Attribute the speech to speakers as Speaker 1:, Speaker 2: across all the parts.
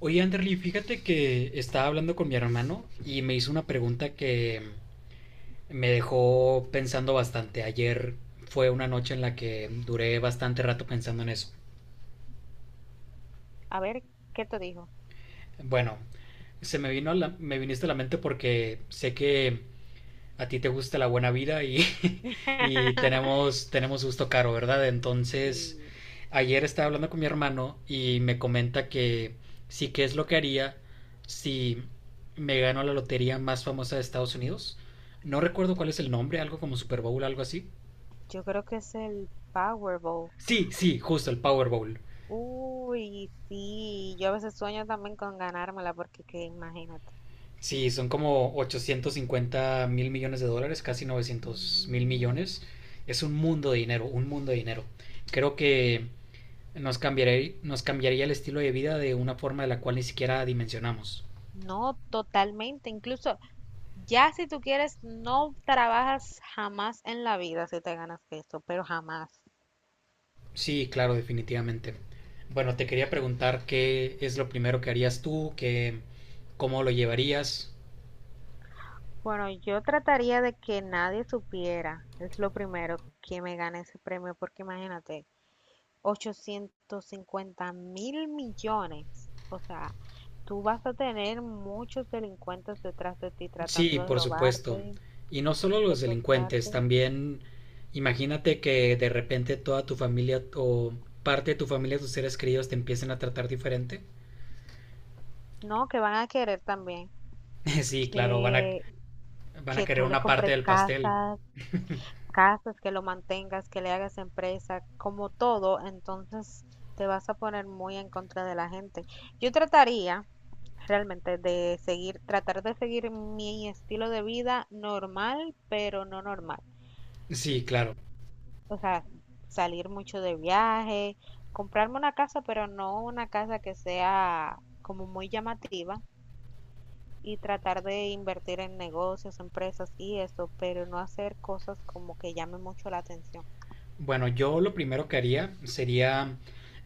Speaker 1: Oye, Anderly, fíjate que estaba hablando con mi hermano y me hizo una pregunta que me dejó pensando bastante. Ayer fue una noche en la que duré bastante rato pensando en eso.
Speaker 2: A ver, ¿qué te dijo?
Speaker 1: Bueno, se me vino a me viniste a la mente porque sé que a ti te gusta la buena vida y, y tenemos gusto caro, ¿verdad? Entonces,
Speaker 2: Sí,
Speaker 1: ayer estaba hablando con mi hermano y me comenta que sí que es lo que haría si me gano la lotería más famosa de Estados Unidos. No recuerdo cuál es el nombre, algo como Super Bowl, algo así.
Speaker 2: yo creo que es el Powerball.
Speaker 1: Sí, sí, justo el Power Bowl.
Speaker 2: Uy, sí, yo a veces sueño también con ganármela porque que imagínate.
Speaker 1: Sí, son como $850,000,000,000, casi novecientos mil
Speaker 2: Mm.
Speaker 1: millones. Es un mundo de dinero, un mundo de dinero. Creo que nos cambiaría el estilo de vida de una forma de la cual ni siquiera dimensionamos.
Speaker 2: No, totalmente. Incluso ya si tú quieres, no trabajas jamás en la vida si te ganas esto, pero jamás.
Speaker 1: Sí, claro, definitivamente. Bueno, te quería preguntar qué es lo primero que harías tú, qué, cómo lo llevarías.
Speaker 2: Bueno, yo trataría de que nadie supiera, es lo primero, que me gane ese premio, porque imagínate, 850.000 millones. O sea, tú vas a tener muchos delincuentes detrás de ti
Speaker 1: Sí,
Speaker 2: tratando de
Speaker 1: por supuesto.
Speaker 2: robarte,
Speaker 1: Y no solo los delincuentes,
Speaker 2: secuestrarte.
Speaker 1: también imagínate que de repente toda tu familia o parte de tu familia, tus seres queridos te empiecen a tratar diferente.
Speaker 2: No, que van a querer también
Speaker 1: Sí, claro, van a,
Speaker 2: que,
Speaker 1: van a
Speaker 2: que
Speaker 1: querer
Speaker 2: tú le
Speaker 1: una parte
Speaker 2: compres
Speaker 1: del pastel.
Speaker 2: casas, casas, que lo mantengas, que le hagas empresa, como todo. Entonces te vas a poner muy en contra de la gente. Yo trataría realmente de seguir, tratar de seguir mi estilo de vida normal, pero no normal.
Speaker 1: Sí, claro.
Speaker 2: O sea, salir mucho de viaje, comprarme una casa, pero no una casa que sea como muy llamativa y tratar de invertir en negocios, empresas y eso, pero no hacer cosas como que llamen mucho la atención.
Speaker 1: Bueno, yo lo primero que haría sería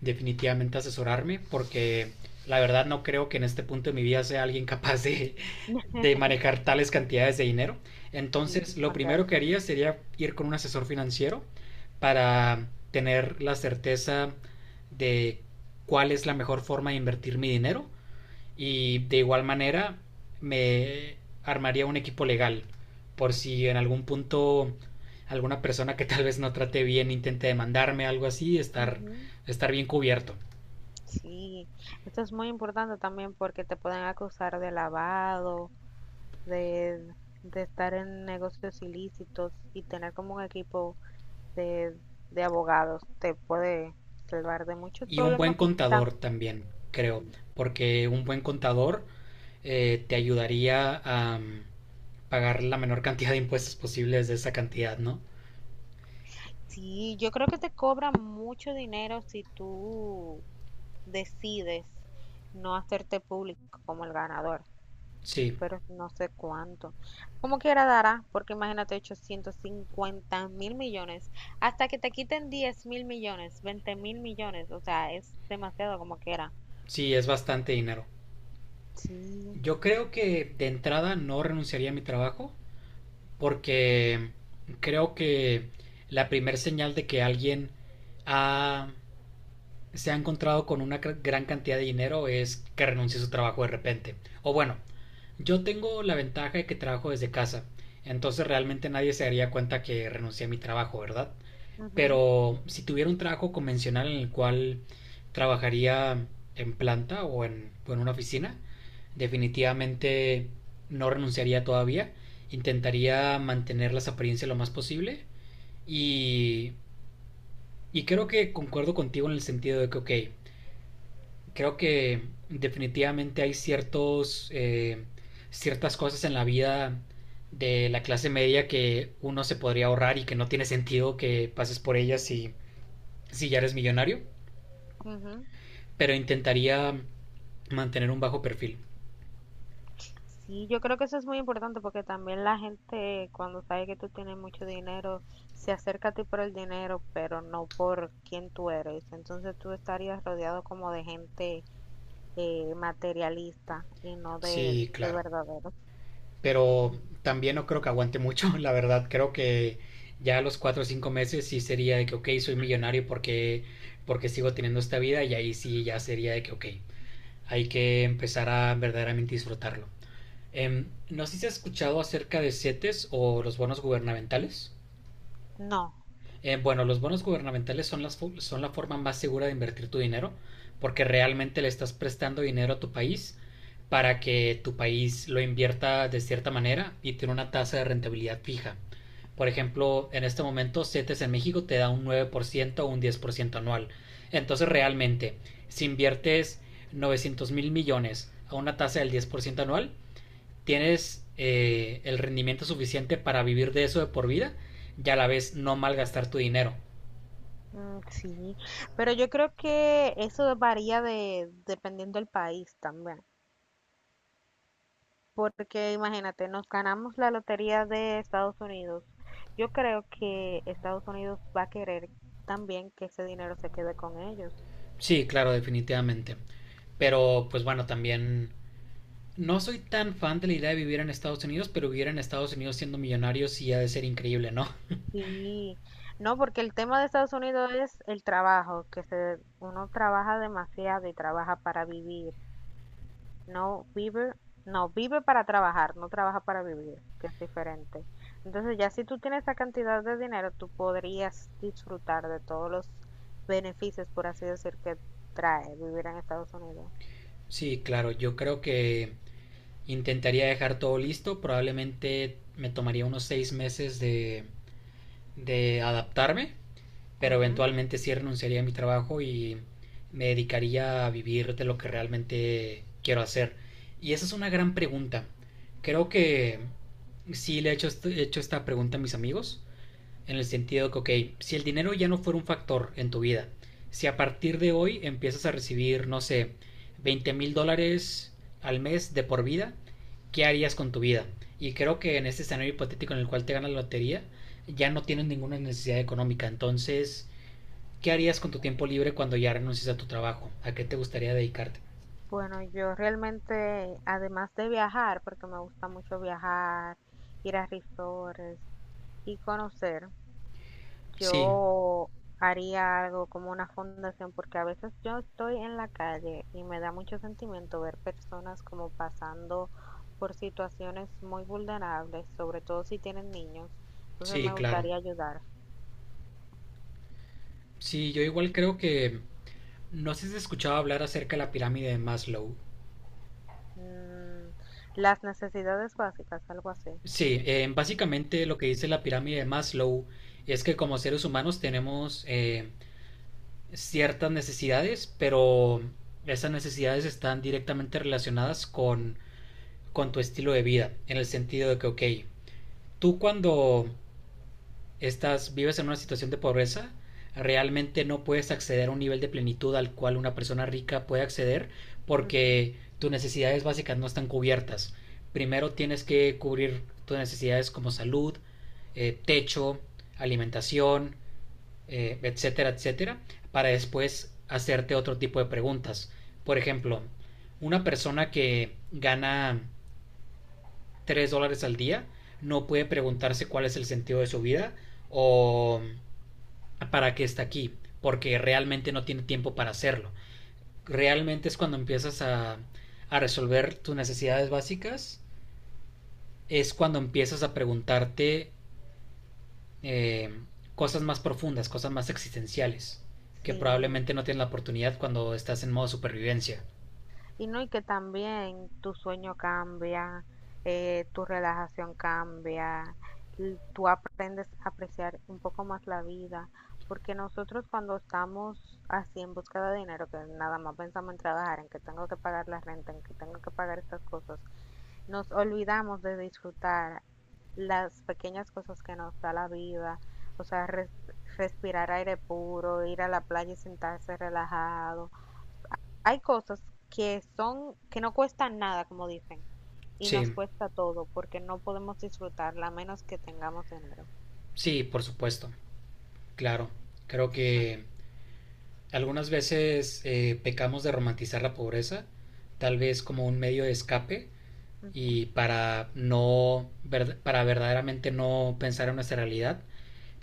Speaker 1: definitivamente asesorarme porque la verdad no creo que en este punto de mi vida sea alguien capaz de manejar tales cantidades de dinero.
Speaker 2: Sí, es
Speaker 1: Entonces, lo primero
Speaker 2: demasiado.
Speaker 1: que haría sería ir con un asesor financiero para tener la certeza de cuál es la mejor forma de invertir mi dinero y de igual manera me armaría un equipo legal por si en algún punto alguna persona que tal vez no trate bien intente demandarme algo así, estar
Speaker 2: Ujú.
Speaker 1: estar bien cubierto.
Speaker 2: Sí, esto es muy importante también porque te pueden acusar de lavado, de, de estar en negocios ilícitos y tener como un equipo de, de abogados te puede salvar de muchos
Speaker 1: Y un buen
Speaker 2: problemas
Speaker 1: contador también, creo, porque un buen contador te ayudaría a pagar la menor cantidad de impuestos posibles de esa cantidad, ¿no?
Speaker 2: Sí, yo creo que te cobran mucho dinero si tú decides no hacerte público como el ganador,
Speaker 1: Sí,
Speaker 2: pero no sé cuánto. Como quiera dará, porque imagínate 850 mil millones, hasta que te quiten 10.000 millones, 20.000 millones, o sea, es demasiado como quiera.
Speaker 1: sí, es bastante dinero.
Speaker 2: Sí.
Speaker 1: Yo creo que de entrada no renunciaría a mi trabajo, porque creo que la primer señal de que alguien ha- se ha encontrado con una gran cantidad de dinero es que renuncie a su trabajo de repente. O bueno, yo tengo la ventaja de que trabajo desde casa, entonces realmente nadie se daría cuenta que renuncié a mi trabajo, ¿verdad?
Speaker 2: Ujú,
Speaker 1: Pero si tuviera un trabajo convencional en el cual trabajaría en planta o en una oficina, definitivamente no renunciaría todavía. Intentaría mantener las apariencias lo más posible. Y, y creo que concuerdo contigo en el sentido de que, ok, creo que definitivamente hay ciertos, ciertas cosas en la vida de la clase media que uno se podría ahorrar y que no tiene sentido que pases por ellas si, si ya eres millonario.
Speaker 2: ujú.
Speaker 1: Pero intentaría mantener un bajo perfil.
Speaker 2: Sí, yo creo que eso es muy importante porque también la gente cuando sabe que tú tienes mucho dinero se acerca a ti por el dinero, pero no por quién tú eres. Entonces tú estarías rodeado como de gente materialista y no de,
Speaker 1: Sí,
Speaker 2: de
Speaker 1: claro.
Speaker 2: verdaderos.
Speaker 1: Pero
Speaker 2: Y-
Speaker 1: también no creo que aguante mucho, la verdad. Creo que ya a los cuatro o cinco meses sí sería de que, ok, soy millonario porque, porque sigo teniendo esta vida y ahí sí ya sería de que, ok, hay que empezar a verdaderamente disfrutarlo. No sé si has escuchado acerca de CETES o los bonos gubernamentales.
Speaker 2: No,
Speaker 1: Bueno, los bonos gubernamentales son, las, son la forma más segura de invertir tu dinero porque realmente le estás prestando dinero a tu país para que tu país lo invierta de cierta manera y tiene una tasa de rentabilidad fija. Por ejemplo, en este momento CETES en México te da un 9% o un 10% anual. Entonces realmente, si inviertes 900,000,000,000 a una tasa del 10% anual, tienes el rendimiento suficiente para vivir de eso de por vida y a la vez no malgastar tu dinero.
Speaker 2: sí, pero yo creo que eso varía dependiendo del país también. Porque imagínate, nos ganamos la lotería de Estados Unidos. Yo creo que Estados Unidos va a querer también que ese dinero se quede con ellos.
Speaker 1: Sí, claro, definitivamente. Pero pues bueno, también no soy tan fan de la idea de vivir en Estados Unidos, pero vivir en Estados Unidos siendo millonario sí ha de ser increíble, ¿no?
Speaker 2: Sí, no, porque el tema de Estados Unidos es el trabajo, uno trabaja demasiado y trabaja para vivir. No vive, no vive para trabajar, no trabaja para vivir, que es diferente. Entonces, ya si tú tienes esa cantidad de dinero, tú podrías disfrutar de todos los beneficios, por así decir, que trae vivir en Estados Unidos.
Speaker 1: Sí, claro, yo creo que intentaría dejar todo listo, probablemente me tomaría unos 6 meses de adaptarme, pero
Speaker 2: Ujú.
Speaker 1: eventualmente sí renunciaría a mi trabajo y me dedicaría a vivir de lo que realmente quiero hacer. Y esa es una gran pregunta. Creo que he hecho esta pregunta a mis amigos, en el sentido que, ok, si el dinero ya no fuera un factor en tu vida, si a partir de hoy empiezas a recibir, no sé, $20,000 al mes de por vida, ¿qué harías con tu vida? Y creo que en este escenario hipotético en el cual te ganas la lotería, ya no tienes ninguna necesidad económica. Entonces, ¿qué harías con tu tiempo libre cuando ya renuncies a tu trabajo? ¿A qué te gustaría dedicarte?
Speaker 2: Bueno, yo realmente, además de viajar, porque me gusta mucho viajar, ir a resorts y conocer.
Speaker 1: Sí,
Speaker 2: Yo haría algo como una fundación porque a veces yo estoy en la calle y me da mucho sentimiento ver personas como pasando por situaciones muy vulnerables, sobre todo si tienen niños. Entonces
Speaker 1: sí,
Speaker 2: me
Speaker 1: claro.
Speaker 2: gustaría ayudar.
Speaker 1: Sí, yo igual creo que... No sé si has escuchado hablar acerca de la pirámide de Maslow.
Speaker 2: Mm, las necesidades básicas, algo así.
Speaker 1: Sí, básicamente lo que dice la pirámide de Maslow es que como seres humanos tenemos ciertas necesidades, pero esas necesidades están directamente relacionadas con tu estilo de vida, en el sentido de que, ok, tú cuando estás, vives en una situación de pobreza, realmente no puedes acceder a un nivel de plenitud al cual una persona rica puede acceder
Speaker 2: Ujú.
Speaker 1: porque tus necesidades básicas no están cubiertas. Primero tienes que cubrir tus necesidades como salud, techo, alimentación, etcétera, etcétera, para después hacerte otro tipo de preguntas. Por ejemplo, una persona que gana $3 al día no puede preguntarse cuál es el sentido de su vida o para que está aquí, porque realmente no tiene tiempo para hacerlo. Realmente es cuando empiezas a resolver tus necesidades básicas, es cuando empiezas a preguntarte eh, cosas más profundas, cosas más existenciales, que
Speaker 2: Sí,
Speaker 1: probablemente no tienes la oportunidad cuando estás en modo supervivencia.
Speaker 2: y no, y que también tu sueño cambia, tu relajación cambia, tú aprendes a apreciar un poco más la vida, porque nosotros cuando estamos así en búsqueda de dinero, que nada más pensamos en trabajar, en que tengo que pagar la renta, en que tengo que pagar estas cosas, nos olvidamos de disfrutar las pequeñas cosas que nos da la vida, o sea, respirar aire puro, ir a la playa y sentarse relajado. Hay cosas que no cuestan nada, como dicen, y nos
Speaker 1: Sí,
Speaker 2: cuesta todo, porque no podemos disfrutarla a menos que tengamos dinero.
Speaker 1: sí, por supuesto, claro. Creo
Speaker 2: Ah,
Speaker 1: que algunas veces pecamos de romantizar la pobreza, tal vez como un medio de escape
Speaker 2: ujú.
Speaker 1: y para verdaderamente no pensar en nuestra realidad,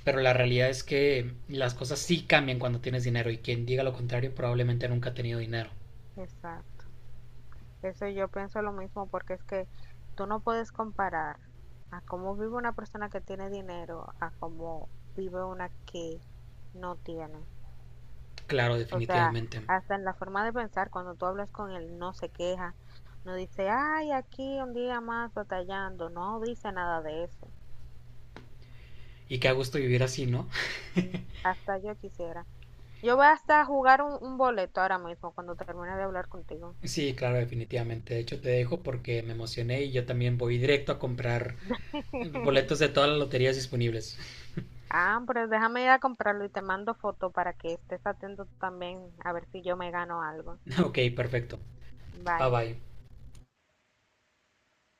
Speaker 1: pero la realidad es que las cosas sí cambian cuando tienes dinero y quien diga lo contrario probablemente nunca ha tenido dinero.
Speaker 2: Exacto. Eso yo pienso lo mismo, porque es que tú no puedes comparar a cómo vive una persona que tiene dinero a cómo vive una que no tiene.
Speaker 1: Claro,
Speaker 2: O sea,
Speaker 1: definitivamente.
Speaker 2: hasta en la forma de pensar, cuando tú hablas con él, no se queja, no dice, ay, aquí un día más batallando, no dice nada de eso.
Speaker 1: Y qué a gusto vivir así, ¿no?
Speaker 2: Mm. Hasta yo quisiera. Yo voy hasta a jugar un boleto ahora mismo cuando termine de hablar contigo.
Speaker 1: Sí, claro, definitivamente. De hecho, te dejo porque me emocioné y yo también voy directo a comprar boletos de todas las loterías disponibles.
Speaker 2: Ah, pero déjame ir a comprarlo y te mando foto para que estés atento también a ver si yo me gano algo.
Speaker 1: Ok, perfecto. Bye
Speaker 2: Bye.
Speaker 1: bye.